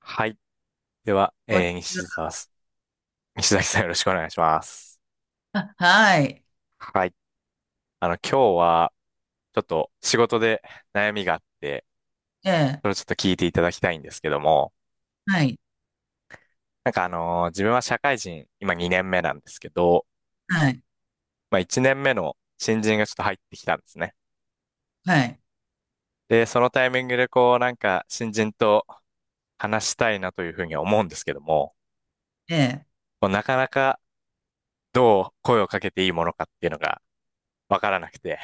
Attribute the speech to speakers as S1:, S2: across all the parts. S1: はい。では、
S2: こんにちは。
S1: 西澤す、西崎さんよろしくお願いします。
S2: あ、はい。
S1: はい。今日は、ちょっと仕事で悩みがあって、
S2: ええ、
S1: それをちょっと聞いていただきたいんですけども、
S2: はい。
S1: なんか自分は社会人、今2年目なんですけど、
S2: はい。
S1: まあ1年目の新人がちょっと入ってきたんですね。
S2: はい。
S1: で、そのタイミングでこう、なんか新人と話したいなというふうに思うんですけども、
S2: ええ、
S1: こうなかなかどう声をかけていいものかっていうのがわからなくて、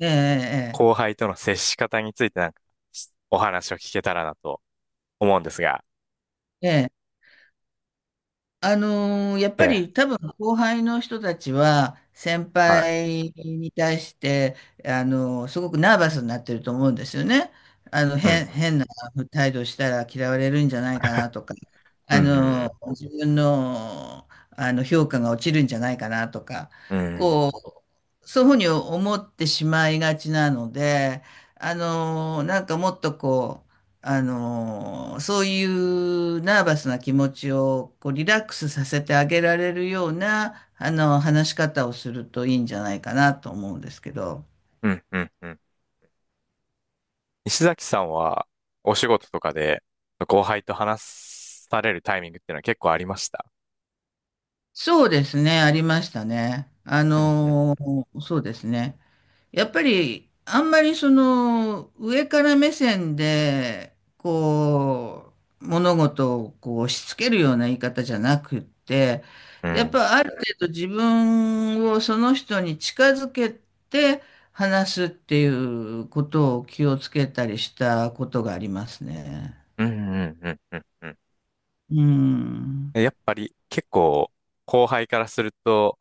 S2: ええ、
S1: 後輩との接し方についてなんか、お話を聞けたらなと思うんですが。
S2: ええ。ええやっ
S1: え
S2: ぱ
S1: え、
S2: り多分後輩の人たちは先
S1: はい。
S2: 輩に対して、すごくナーバスになってると思うんですよね。あの、
S1: うん、
S2: 変な態度したら嫌われるんじゃないかなとか、
S1: うん、うん、
S2: 自分の、あの評価が落ちるんじゃないかなとか、
S1: うん、う
S2: こ
S1: ん、
S2: う、そういうふうに思ってしまいがちなので、あの、なんかもっとこう、あの、そういうナーバスな気持ちをこうリラックスさせてあげられるような、あの、話し方をするといいんじゃないかなと思うんですけど。
S1: うん、うん。石崎さんは、お仕事とかで、後輩と話されるタイミングっていうのは結構ありました？
S2: そうですね、ありましたね。あ
S1: うん、うん、
S2: の、そうですね。やっぱり、あんまりその、上から目線で、こう、物事をこう押し付けるような言い方じゃなくって、
S1: う
S2: やっ
S1: ん、
S2: ぱある程度自分をその人に近づけて話すっていうことを気をつけたりしたことがありますね。
S1: うん、うん、うん、うん
S2: うん。
S1: うんやっぱり結構、後輩からすると、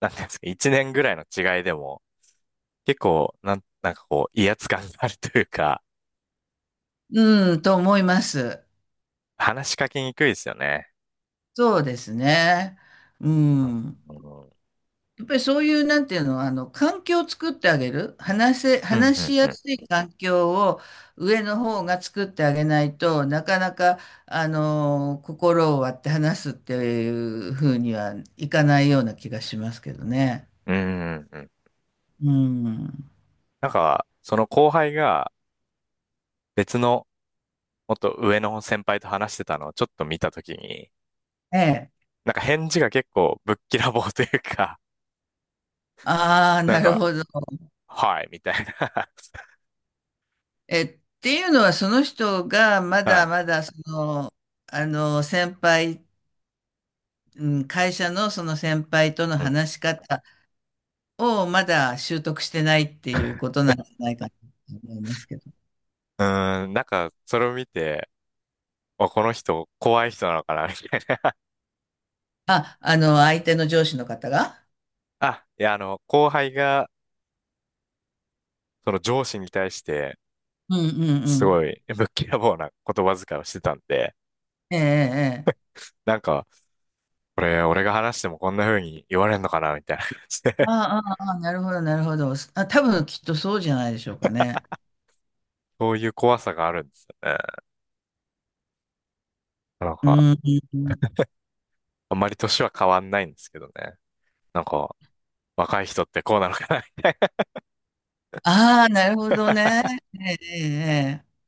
S1: なんていうんですか、一年ぐらいの違いでも、結構、なんかこう、威圧感があるというか、
S2: うん、と思います。
S1: 話しかけにくいですよね。
S2: そうですね。う
S1: うん
S2: ん。やっぱりそういう、なんていうの、あの、環境を作ってあげる。
S1: うん、
S2: 話
S1: う
S2: し
S1: ん、う
S2: や
S1: ん。
S2: すい環境を上の方が作ってあげないとなかなか、あの、心を割って話すっていうふうにはいかないような気がしますけどね。
S1: うん、うん。うん。
S2: うん。
S1: なんか、その後輩が別のもっと上の先輩と話してたのをちょっと見たときに、
S2: ええ。
S1: なんか返事が結構ぶっきらぼうというか、
S2: ああ、
S1: なん
S2: なる
S1: か、
S2: ほど。
S1: はい、みたいな。
S2: え、っていうのは、その人がま
S1: は
S2: だ
S1: い。
S2: まだ、その、あの、先輩、うん、会社のその先輩との
S1: うん。
S2: 話し方、をまだ習得してないっていうこ となんじゃないかなと思いますけど。
S1: うーん、なんか、それを見て、あ、この人、怖い人なのかな、みたいな。
S2: あ、あの、相手の上司の方が
S1: あ、いや、あの、後輩が、その上司に対して、
S2: うんうん
S1: す
S2: う
S1: ご
S2: ん。
S1: い、ぶっきらぼうな言葉遣いをしてたんで、
S2: ええ、ええ。
S1: なんか、これ、俺が話してもこんな風に言われんのかな、みたいな感じで、
S2: ああ、ああ、なるほど、なるほど。あ、多分きっとそうじゃないでしょうかね。
S1: そういう怖さがあるんですよね。なん
S2: う
S1: か、
S2: ん。
S1: あんまり年は変わんないんですけどね。なんか、若い人ってこうなのかな。
S2: ああ、なるほどね。ええ、ええ。ええ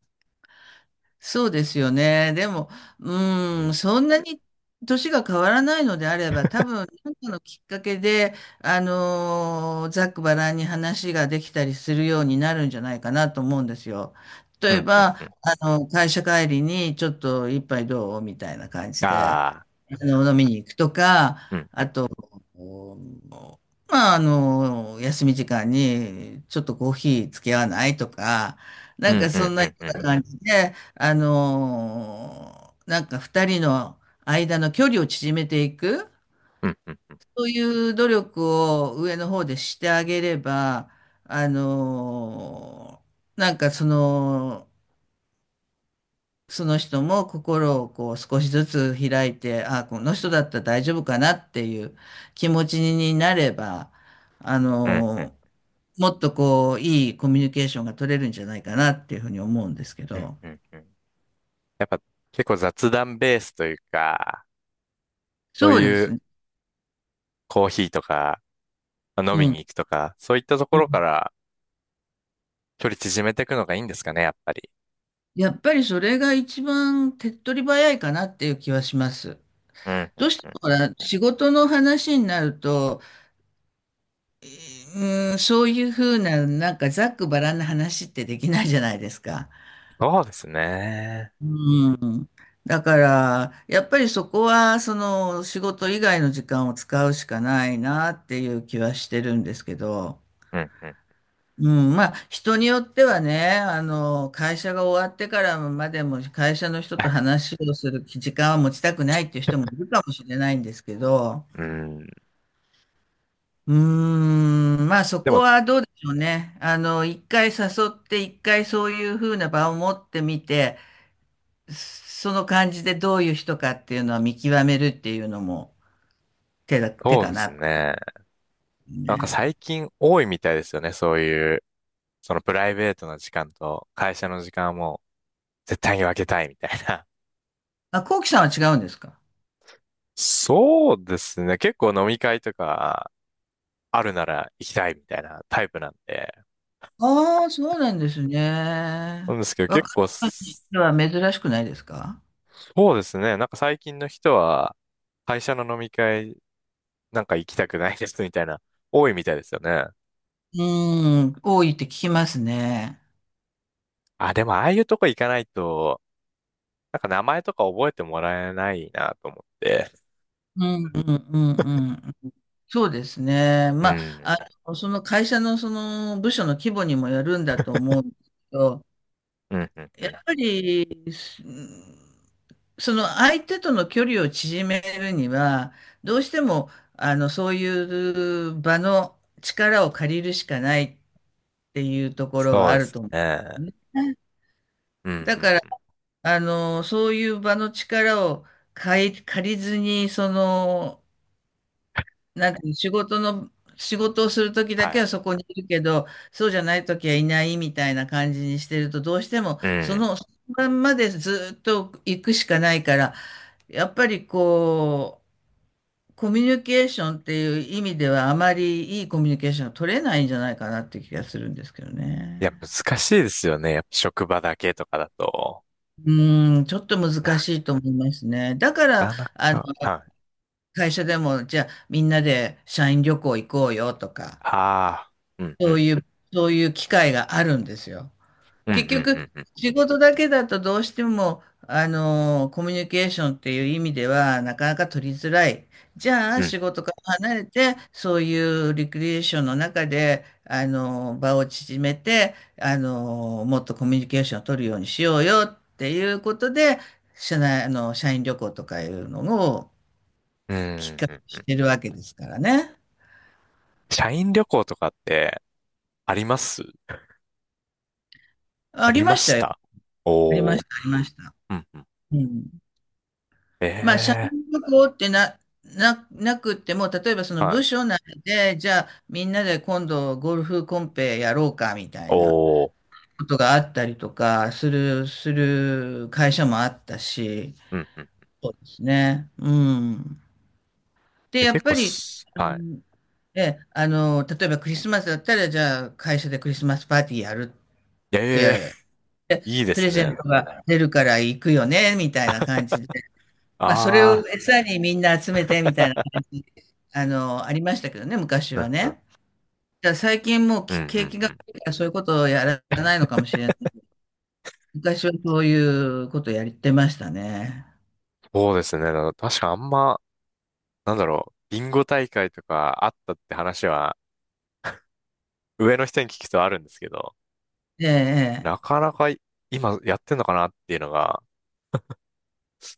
S2: そうですよね。でも、
S1: う
S2: うん、
S1: ん、
S2: そんなに年が変わらないのであれば、多分、何かのきっかけで、ざっくばらんに話ができたりするようになるんじゃないかなと思うんですよ。
S1: う
S2: 例え
S1: ん、うん、
S2: ば、
S1: うん。
S2: あの、会社帰りにちょっと一杯どうみたいな感じで、
S1: ああ、
S2: あの、飲みに行くと
S1: う
S2: か、
S1: ん、うん、
S2: おまあ、あの、休み時間に、ちょっとコーヒー付き合わないとか、
S1: う
S2: なん
S1: ん、
S2: か
S1: う
S2: そ
S1: ん、
S2: んなよ
S1: う
S2: う
S1: ん、
S2: な感じで、あの、なんか二人の間の距離を縮めていく、
S1: うん、うん、
S2: そういう努力を上の方でしてあげれば、あの、なんかその、その人も心をこう少しずつ開いて、あ、この人だったら大丈夫かなっていう気持ちになれば、あ
S1: うん、うん、
S2: の、もっとこう、いいコミュニケーションが取れるんじゃないかなっていうふうに思うんですけ
S1: うん、
S2: ど。
S1: うん、うん、うん。やっぱ、結構雑談ベースというか、そう
S2: そうで
S1: い
S2: す
S1: う
S2: ね。
S1: コーヒーとか、まあ飲み
S2: うん。
S1: に行くとか、そういったとこ
S2: う
S1: ろか
S2: ん
S1: ら距離縮めていくのがいいんですかね、やっぱり？
S2: やっぱりそれが一番手っ取り早いかなっていう気はします。
S1: うん、う
S2: どう
S1: ん、
S2: して
S1: う
S2: も
S1: ん。
S2: ほら、仕事の話になると、そういうふうな、なんかざっくばらんな話ってできないじゃないですか。
S1: そうですね。
S2: うだから、やっぱりそこは、その、仕事以外の時間を使うしかないなっていう気はしてるんですけど、
S1: うん、う
S2: うん、まあ、人によってはね、あの、会社が終わってからまでも会社の人と話をする時間は持ちたくないっていう人もいるかもしれないんですけど、
S1: ん、うん。
S2: うーん、まあ、そ
S1: で
S2: こ
S1: も、
S2: はどうでしょうね。あの、一回誘って、一回そういうふうな場を持ってみて、その感じでどういう人かっていうのは見極めるっていうのも、手
S1: そう
S2: か
S1: です
S2: な。
S1: ね。なんか
S2: ね。
S1: 最近多いみたいですよね。そういう、そのプライベートの時間と会社の時間はもう絶対に分けたいみたいな。
S2: あ、こうきさんは違うんですか？
S1: そうですね。結構飲み会とかあるなら行きたいみたいなタイプなんで。
S2: ああー、そうなんです
S1: なん
S2: ね。
S1: ですけど
S2: 若
S1: 結構
S2: い
S1: そ
S2: 人は珍しくないですか？
S1: うですね。なんか最近の人は会社の飲み会なんか行きたくないですみたいな、多いみたいですよね。
S2: うーん、多いって聞きますね。
S1: あ、でもああいうとこ行かないとなんか名前とか覚えてもらえないなと思って。
S2: うん、うん、うん、うん。そうですね。
S1: う
S2: まあ、あ
S1: ん。
S2: の、その会社のその部署の規模にもよるんだと思うんですけど、
S1: うんうんう
S2: やっ
S1: ん
S2: ぱり、うんその相手との距離を縮めるには、どうしても、あの、そういう場の力を借りるしかないっていうところは
S1: そう
S2: あ
S1: で
S2: る
S1: す
S2: と思う
S1: ね。
S2: ね。
S1: う
S2: だか
S1: ん
S2: ら、
S1: うん。
S2: あの、そういう場の力を借りずに、その、なんていう仕事の、仕事をするときだ
S1: は
S2: けは
S1: い。
S2: そこにいるけど、そうじゃないときはいないみたいな感じにしてると、どうしても、
S1: う
S2: そ
S1: ん。
S2: の、そのまんまでずっと行くしかないから、やっぱりこう、コミュニケーションっていう意味ではあまりいいコミュニケーションが取れないんじゃないかなっていう気がするんですけど
S1: いや、
S2: ね。
S1: 難しいですよね。やっぱ職場だけとかだと。
S2: うん、ちょっと難
S1: な
S2: しいと思いますね。だから、
S1: かな
S2: あの、
S1: か。はい。
S2: 会社でも、じゃあみんなで社員旅行行こうよとか、
S1: ああ。うんう
S2: そう
S1: ん
S2: い
S1: うん。
S2: う、そういう機会があるんですよ。
S1: うんうん
S2: 結
S1: う
S2: 局、
S1: んうん。
S2: 仕事だけだとどうしても、あの、コミュニケーションっていう意味では、なかなか取りづらい。じゃあ、
S1: うん。
S2: 仕事から離れて、そういうリクリエーションの中で、あの、場を縮めて、あの、もっとコミュニケーションを取るようにしようよっていうことで、社内、あの、社員旅行とかいうのを
S1: うん
S2: きっか
S1: う
S2: けに
S1: んう
S2: し
S1: ん。
S2: てるわけですからね。
S1: 社員旅行とかってあります？あ
S2: あり
S1: りま
S2: まし
S1: し
S2: たよ。
S1: た
S2: ありま
S1: おー。
S2: した、ありました。
S1: うんうん。
S2: うん。まあ、社
S1: ええ
S2: 員旅行ってな、な、なくっても、例えばそ
S1: ー。
S2: の
S1: はい。
S2: 部署内で、じゃあみんなで今度ゴルフコンペやろうかみたいな
S1: おー。
S2: ことがあったりとかする会社もあったし、
S1: うんうん。
S2: そうですね。うん。で、
S1: え、
S2: や
S1: 結
S2: っ
S1: 構
S2: ぱり、
S1: す、
S2: う
S1: は
S2: んえ、あの、例えばクリスマスだったら、じゃあ会社でクリスマスパーティーやるっ
S1: い。ええ
S2: て、
S1: ー、いいで
S2: プ
S1: す
S2: レゼ
S1: ね。
S2: ントが出るから行くよね、みたいな感じで。まあ、それを
S1: あ
S2: 餌にみんな集めてみたいな
S1: あ。
S2: 感じ、あの、ありましたけどね、昔
S1: う
S2: は
S1: んうん。
S2: ね。だから最近もう
S1: うんう
S2: 景
S1: ん
S2: 気が
S1: うん。
S2: 悪いからそういうことをやらないのかもしれない。昔はそういうことをやってましたね。
S1: そうですね。だから確か、なんだろう、ビンゴ大会とかあったって話は、上の人に聞くとあるんですけど、
S2: ええ、え
S1: な
S2: え
S1: かなかい今やってんのかなっていうのが、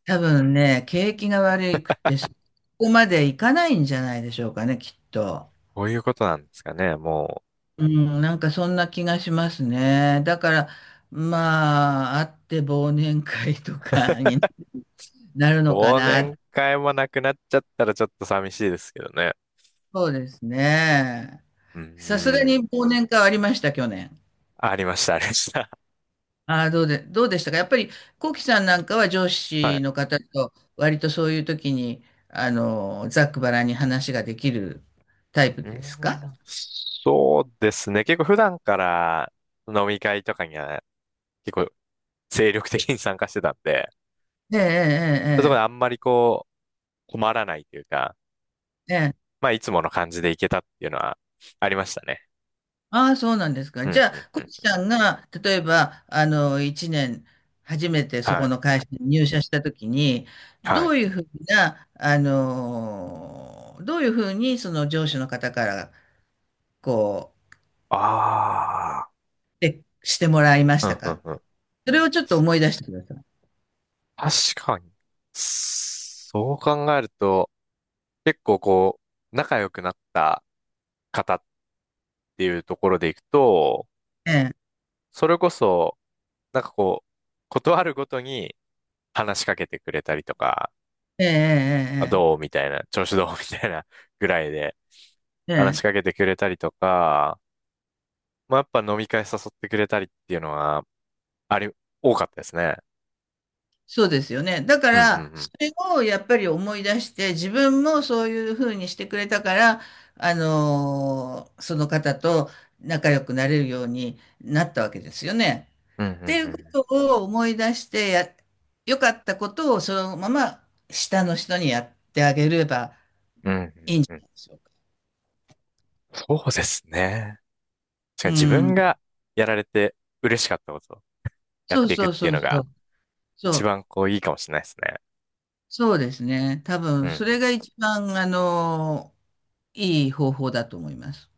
S2: 多分ね、景気が悪くてそこまでいかないんじゃないでしょうかね、きっと。
S1: こういうことなんですかね。も
S2: うん、なんかそんな気がしますね。だから、まあ、あって忘年会とかになる
S1: う、
S2: のか
S1: 忘年
S2: な。
S1: 会もなくなっちゃったらちょっと寂しいですけどね。
S2: そうですね。
S1: うん、う
S2: さすがに
S1: ん
S2: 忘年会はありました、去年。
S1: ありました、ありました。
S2: ああ、どうでしたかやっぱり、コウキさんなんかは上
S1: は
S2: 司
S1: い。
S2: の方と、割とそういう時に、あの、ざっくばらんに話ができるタイプ
S1: うー
S2: ですか？
S1: ん、そうですね。結構普段から飲み会とかには結構精力的に参加してたんで、
S2: え
S1: そういうところで
S2: え、
S1: あ
S2: え
S1: んまりこう、困らないというか、
S2: え、ええ。ええ
S1: まあ、いつもの感じでいけたっていうのはありましたね。
S2: ああ、そうなんですか。
S1: う
S2: じ
S1: ん、
S2: ゃ
S1: うん、
S2: あ、コ
S1: う
S2: ウ
S1: ん。
S2: キさんが、例えば、あの、1年、初めてそ
S1: は
S2: こ
S1: い、
S2: の会社に入社した時に、
S1: は
S2: ど
S1: い。
S2: ういうふうな、あの、どういうふうに、その上司の方から、こ
S1: あ
S2: で、してもらいました
S1: あ、うん、
S2: か？
S1: うん、うん。
S2: それをちょっと思い出してください。
S1: 確かに。そう考えると、結構こう、仲良くなった方っていうところでいくと、
S2: ええ、
S1: それこそ、なんかこう、断るごとに話しかけてくれたりとか、
S2: ええ、
S1: あどうみたいな、調子どうみたいなぐらいで
S2: ええ、ええ、
S1: 話し
S2: え
S1: かけ
S2: え
S1: てくれたりとか、まあ、やっぱ飲み会誘ってくれたりっていうのは、あり、多かったですね。
S2: そうですよね。だか
S1: うんう
S2: ら、そ
S1: ん
S2: れをやっぱり思い出して、自分もそういうふうにしてくれたから、その方と仲良くなれるようになったわけですよね。
S1: うん。うん
S2: ってい
S1: う
S2: う
S1: ん
S2: ことを思い出して良かったことをそのまま下の人にやってあげれば、
S1: うん。うんうんうん。そうですね。確か
S2: う
S1: に自分
S2: ん。
S1: がやられて嬉しかったことをやっ
S2: そう
S1: ていくっ
S2: そう
S1: ていう
S2: そう
S1: の
S2: そ
S1: が
S2: う。そ
S1: 一
S2: う。
S1: 番こういいかもしれないですね。
S2: そうですね。多
S1: うん
S2: 分、
S1: う
S2: それ
S1: ん。
S2: が一番、あの、いい方法だと思います。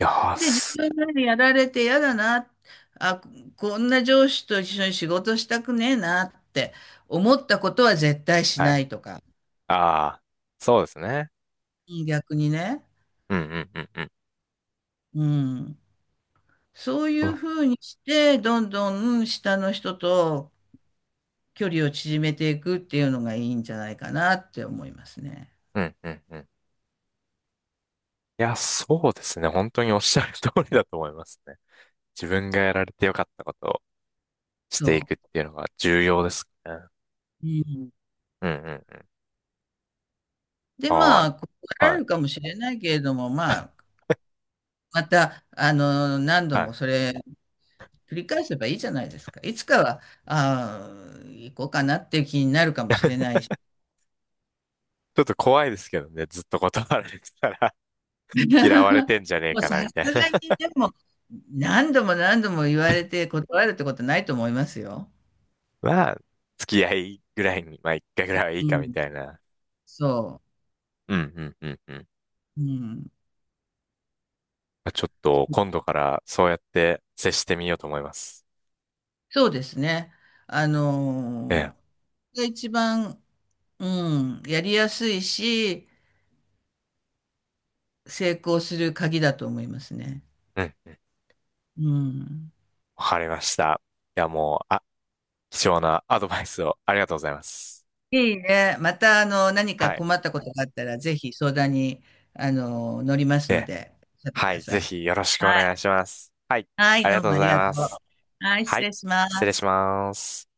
S1: よー
S2: で、自
S1: す。
S2: 分がやられて嫌だな、あ、こんな上司と一緒に仕事したくねえなって思ったことは絶対し
S1: は
S2: な
S1: い。
S2: いとか、
S1: ああ、そうですね。
S2: 逆にね。
S1: うんうんうんうん。
S2: うん。そうい
S1: そ
S2: う
S1: う
S2: ふうにして、どんどん下の人と距離を縮めていくっていうのがいいんじゃないかなって思いますね。
S1: うんうんうん。いや、そうですね。本当におっしゃる通りだと思いますね。自分がやられてよかったことをしてい
S2: そ
S1: くっていうのが重要ですね。
S2: う。うん。
S1: うんうん。
S2: で、
S1: あ
S2: まあ、断
S1: あ、
S2: ら
S1: は
S2: れ
S1: い、
S2: るかもしれないけれども、まあ、また、あの、何度
S1: は
S2: も
S1: い。
S2: それ繰り返せばいいじゃないですか。いつかは、あー行こうかなっていう気になるかもしれな いし。
S1: ちょっと怖いですけどね、ずっと断られてたら。 嫌われて んじゃねえ
S2: もう
S1: か
S2: さ
S1: な、みたい
S2: すがに
S1: な。
S2: でも、何度も何度も言われて断るってことないと思いますよ。
S1: まあ、付き合いぐらいに、まあ一回ぐらいはいい
S2: う
S1: か、み
S2: ん。
S1: たいな。
S2: そ
S1: うん、うん、うん、うん。
S2: う。うん。
S1: まあ、ちょっと、今度からそうやって接してみようと思います。
S2: そうですね。あ
S1: ええ、
S2: のが一番、うん、やりやすいし、成功する鍵だと思いますね。
S1: うん、うん。
S2: うん。
S1: わかりました。いや、もう、あ、貴重なアドバイスをありがとうございます。
S2: いいね。また、あの、何か
S1: はい、
S2: 困ったことがあったら、ぜひ相談に、あの、乗ります
S1: え
S2: の
S1: え、
S2: で、おっしゃってく
S1: は
S2: だ
S1: い、
S2: さ
S1: ぜ
S2: い。
S1: ひよろしくお
S2: は
S1: 願い
S2: い。
S1: します。はい、
S2: は
S1: あ
S2: い、
S1: りが
S2: どう
S1: と
S2: も
S1: うご
S2: あり
S1: ざい
S2: がと
S1: ま
S2: う。
S1: す。
S2: はい、
S1: は
S2: 失
S1: い、
S2: 礼しま
S1: 失礼し
S2: す。
S1: ます。